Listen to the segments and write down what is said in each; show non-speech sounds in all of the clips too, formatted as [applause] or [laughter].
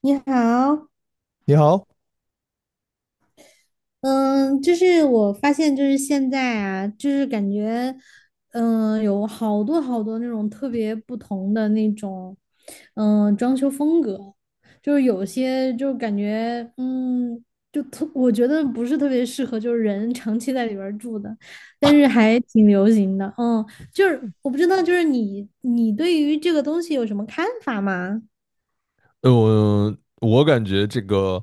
你好。你好。嗯，就是我发现，就是现在啊，就是感觉，有好多那种特别不同的那种，装修风格。就是有些就感觉，我觉得不是特别适合，就是人长期在里边儿住的，但是还挺流行的。嗯，就是我不知道，就是你对于这个东西有什么看法吗？嗯，我感觉这个，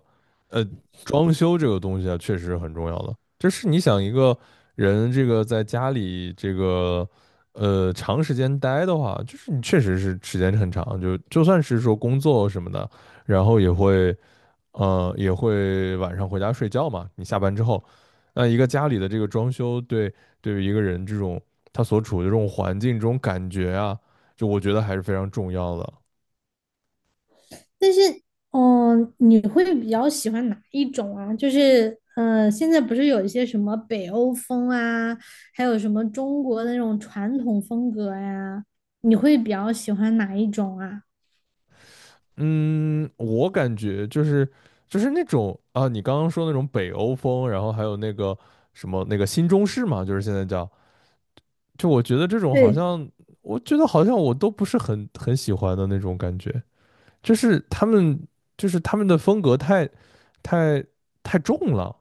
呃，装修这个东西啊，确实很重要的。就是你想一个人这个在家里这个，长时间待的话，就是你确实是时间很长，就算是说工作什么的，然后也会，也会晚上回家睡觉嘛。你下班之后，那一个家里的这个装修对于一个人这种他所处的这种环境、这种感觉啊，就我觉得还是非常重要的。但是，你会比较喜欢哪一种啊？就是，现在不是有一些什么北欧风啊，还有什么中国的那种传统风格呀、你会比较喜欢哪一种啊？嗯，我感觉就是那种啊，你刚刚说那种北欧风，然后还有那个什么那个新中式嘛，就是现在叫，就我觉得这种好对。像，我觉得好像我都不是很喜欢的那种感觉，就是他们就是他们的风格太太重了，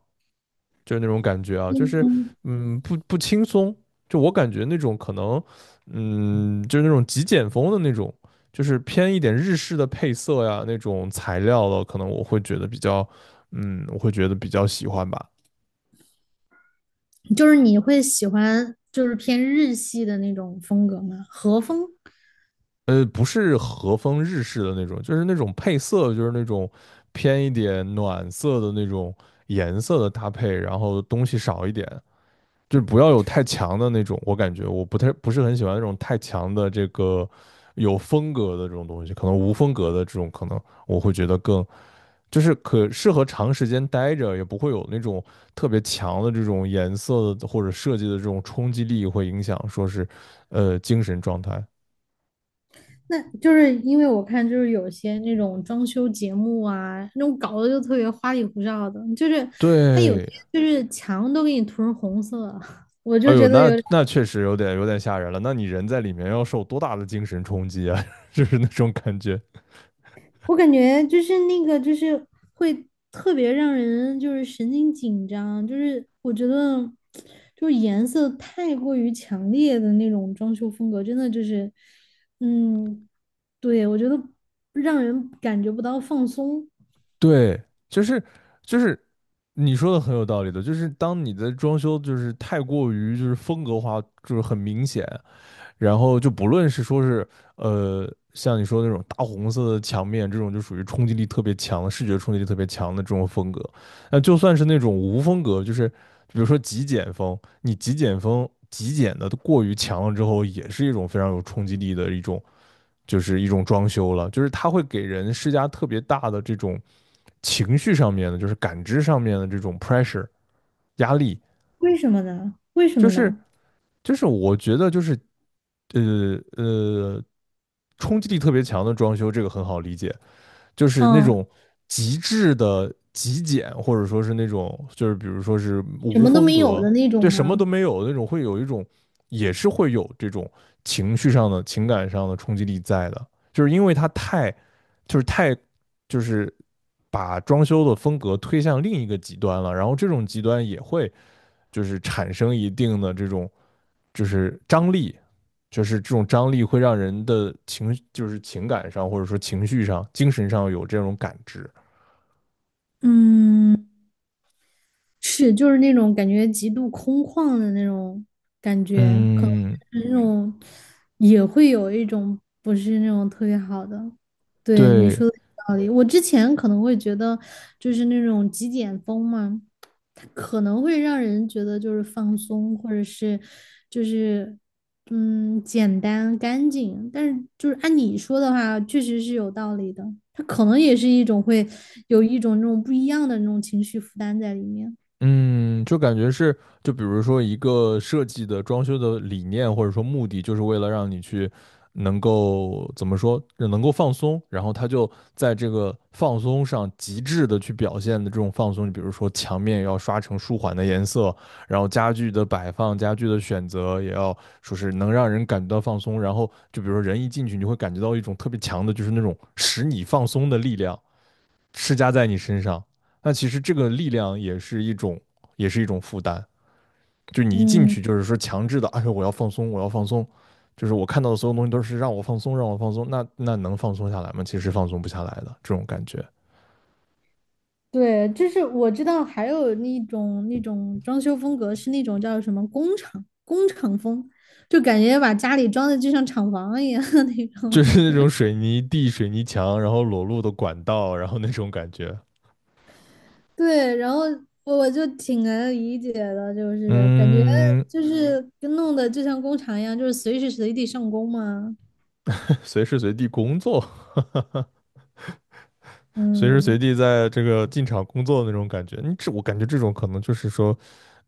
就是那种感觉啊，就是嗯，嗯不轻松，就我感觉那种可能，嗯，就是那种极简风的那种，就是偏一点日式的配色呀那种材料的，可能我会觉得比较，嗯，我会觉得比较喜欢吧。就是你会喜欢就是偏日系的那种风格吗？和风？呃，不是和风日式的那种，就是那种配色，就是那种偏一点暖色的那种颜色的搭配，然后东西少一点，就是不要有太强的那种，我感觉我不是很喜欢那种太强的这个有风格的这种东西，可能无风格的这种，可能我会觉得更就是可适合长时间待着，也不会有那种特别强的这种颜色的或者设计的这种冲击力，会影响说是精神状态。那就是因为我看，就是有些那种装修节目啊，那种搞的就特别花里胡哨的，就是它有些对，就是墙都给你涂成红色，[laughs] 我哎就呦，觉得那有点。那确实有点吓人了。那你人在里面要受多大的精神冲击啊？[laughs] 就是那种感觉。我感觉就是那个就是会特别让人就是神经紧张，就是我觉得就是颜色太过于强烈的那种装修风格，真的就是，嗯，对，我觉得让人感觉不到放松。对，就是就是你说的很有道理的，就是当你的装修就是太过于就是风格化，就是很明显，然后就不论是说是像你说的那种大红色的墙面，这种就属于冲击力特别强的视觉冲击力特别强的这种风格，那就算是那种无风格，就是比如说极简风，你极简风极简的过于强了之后，也是一种非常有冲击力的一种。就是一种装修了，就是它会给人施加特别大的这种情绪上面的，就是感知上面的这种 pressure 压力。为什么呢？为什就么是呢？就是我觉得就是，呃呃冲击力特别强的装修，这个很好理解，就是那嗯。种极致的极简，或者说是那种就是比如说是什无么都风没有格，的那种对什么都吗？没有那种，会有一种也是会有这种情绪上的、情感上的冲击力在的，就是因为它太就是太就是把装修的风格推向另一个极端了，然后这种极端也会就是产生一定的这种就是张力，就是这种张力会让人的情，就是情感上或者说情绪上、精神上有这种感知。嗯，是，就是那种感觉极度空旷的那种感觉，可能嗯，是那种也会有一种不是那种特别好的。对，你对，说的有道理。我之前可能会觉得就是那种极简风嘛，它可能会让人觉得就是放松，或者是就是嗯简单干净，但是就是按你说的话，确实是有道理的，它可能也是一种会有一种那种不一样的那种情绪负担在里面。嗯，就感觉是，就比如说一个设计的装修的理念或者说目的，就是为了让你去能够怎么说，能够放松，然后他就在这个放松上极致的去表现的这种放松，你比如说墙面要刷成舒缓的颜色，然后家具的摆放、家具的选择也要说是能让人感觉到放松，然后就比如说人一进去，你会感觉到一种特别强的，就是那种使你放松的力量。施加在你身上。那其实这个力量也是一种，也是一种负担。就你一进嗯，去，就是说强制的，哎呦，我要放松，我要放松，就是我看到的所有东西都是让我放松，让我放松。那那能放松下来吗？其实放松不下来的这种感觉。对，就是我知道还有那种那种装修风格是那种叫什么工厂风，就感觉把家里装的就像厂房一样 [laughs] 那就种。是那种水泥地、水泥墙，然后裸露的管道，然后那种感觉。[laughs] 对，然后我就挺能理解的，就是感觉嗯，就是跟弄的就像工厂一样，就是随时随地上工嘛。随时随地工作，[laughs] 哈哈哈，随时随嗯。地在这个进厂工作的那种感觉。你这我感觉这种可能就是说，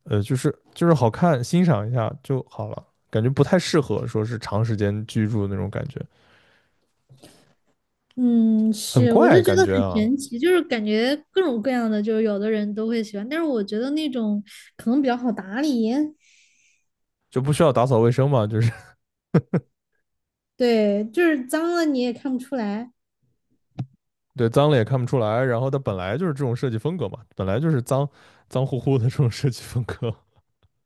就是好看，欣赏一下就好了，感觉不太适合说是长时间居住那种感觉，嗯，很是，我怪就觉感得很觉啊，神奇，就是感觉各种各样的，就是有的人都会喜欢，但是我觉得那种可能比较好打理。就不需要打扫卫生嘛，就是 对，就是脏了你也看不出来。[laughs] 对，脏了也看不出来，然后它本来就是这种设计风格嘛，本来就是脏乎乎的这种设计风格，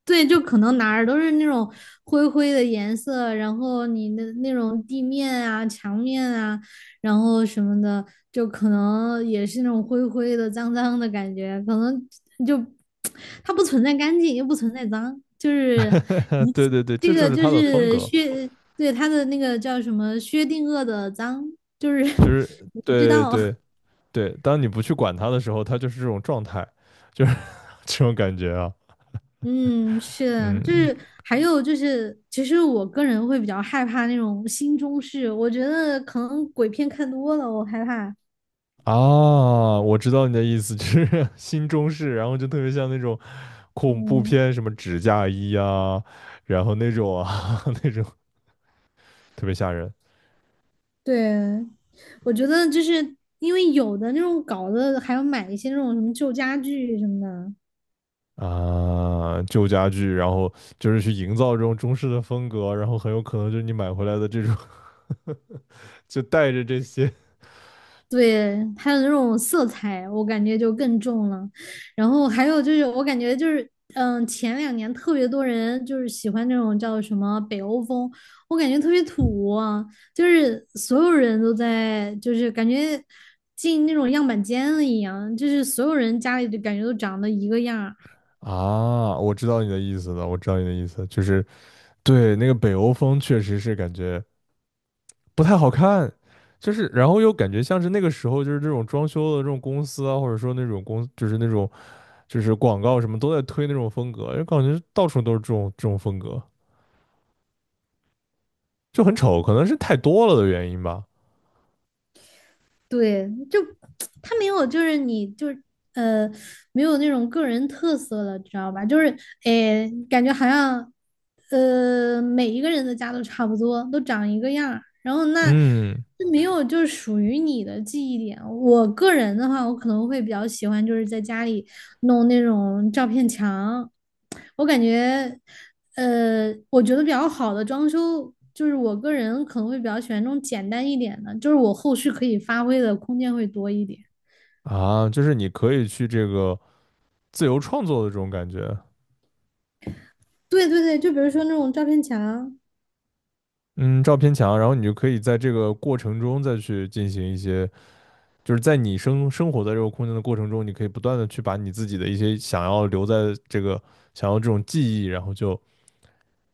对，就可能哪儿都是那种灰灰的颜色，然后你的那种地面啊、墙面啊，然后什么的，就可能也是那种灰灰的、脏脏的感觉。可能就它不存在干净，又不存在脏，就是 [laughs] 啊，一对起。对对，这这就个是就它的风是格，对，它的那个叫什么薛定谔的脏，就是 就 [laughs] 是你不知对道。对 [laughs] 对，当你不去管它的时候，它就是这种状态，就是 [laughs] 这种感觉啊，嗯，是的。就嗯。是还有就是，其实我个人会比较害怕那种新中式，我觉得可能鬼片看多了，我害怕。啊，我知道你的意思，就是 [laughs] 新中式，然后就特别像那种恐怖嗯，片，什么纸嫁衣啊，然后那种啊 [laughs] 那种特别吓人对，我觉得就是因为有的那种搞的，还要买一些那种什么旧家具什么的。啊，旧家具，然后就是去营造这种中式的风格，然后很有可能就是你买回来的这种 [laughs] 就带着这些对，它的那种色彩，我感觉就更重了。然后还有就是，我感觉就是，前两年特别多人就是喜欢那种叫什么北欧风，我感觉特别土啊，就是所有人都在，就是感觉进那种样板间了一样，就是所有人家里就感觉都长得一个样儿。啊，我知道你的意思了，我知道你的意思，就是对那个北欧风确实是感觉不太好看。就是，然后又感觉像是那个时候，就是这种装修的这种公司啊，或者说那种公，就是那种就是广告什么都在推那种风格，就感觉到处都是这种风格，就很丑，可能是太多了的原因吧。对，就 [tsk] 他没有，就是呃，没有那种个人特色了，知道吧？就是诶，感觉好像，每一个人的家都差不多，都长一个样儿，然后那嗯，就没有就是属于你的记忆点。我个人的话，我可能会比较喜欢就是在家里，弄那种照片墙。我感觉，我觉得比较好的装修，就是我个人可能会比较喜欢那种简单一点的，就是我后续可以发挥的空间会多一点。啊，就是你可以去这个自由创作的这种感觉，对对对，就比如说那种照片墙。嗯，照片墙，然后你就可以在这个过程中再去进行一些，就是在你生活在这个空间的过程中，你可以不断的去把你自己的一些想要留在这个想要这种记忆，然后就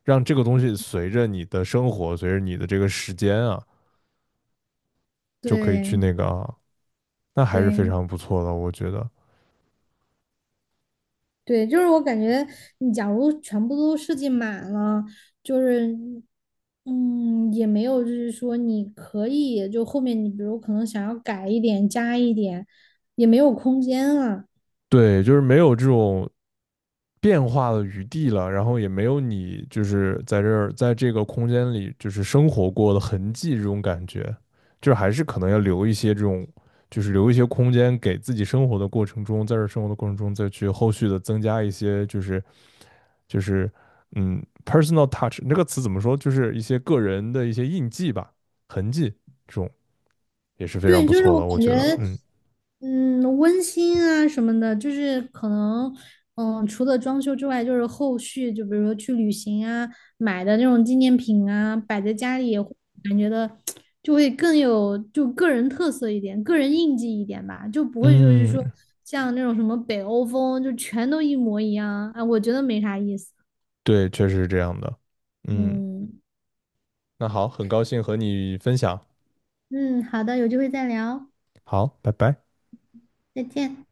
让这个东西随着你的生活，随着你的这个时间啊，就可以去对那个啊，那还是非对常不错的，我觉得。对，就是我感觉你假如全部都设计满了，就是嗯，也没有就是说你可以就后面你比如可能想要改一点加一点，也没有空间了。对，就是没有这种变化的余地了，然后也没有你就是在这个空间里就是生活过的痕迹这种感觉，就是还是可能要留一些这种，就是留一些空间给自己生活的过程中，在这生活的过程中再去后续的增加一些，就是，就是，嗯，personal touch 这个词怎么说，就是一些个人的一些印记吧，痕迹，这种也是非常对，不就是错我的，我感觉觉，得，嗯。嗯，温馨啊什么的，就是可能，除了装修之外，就是后续就比如说去旅行啊，买的那种纪念品啊，摆在家里，感觉的就会更有就个人特色一点，个人印记一点吧，就不会就是说嗯，像那种什么北欧风，就全都一模一样啊，我觉得没啥意思。对，确实是这样的。嗯，嗯。那好，很高兴和你分享。嗯，好的，有机会再聊。好，拜拜。再见。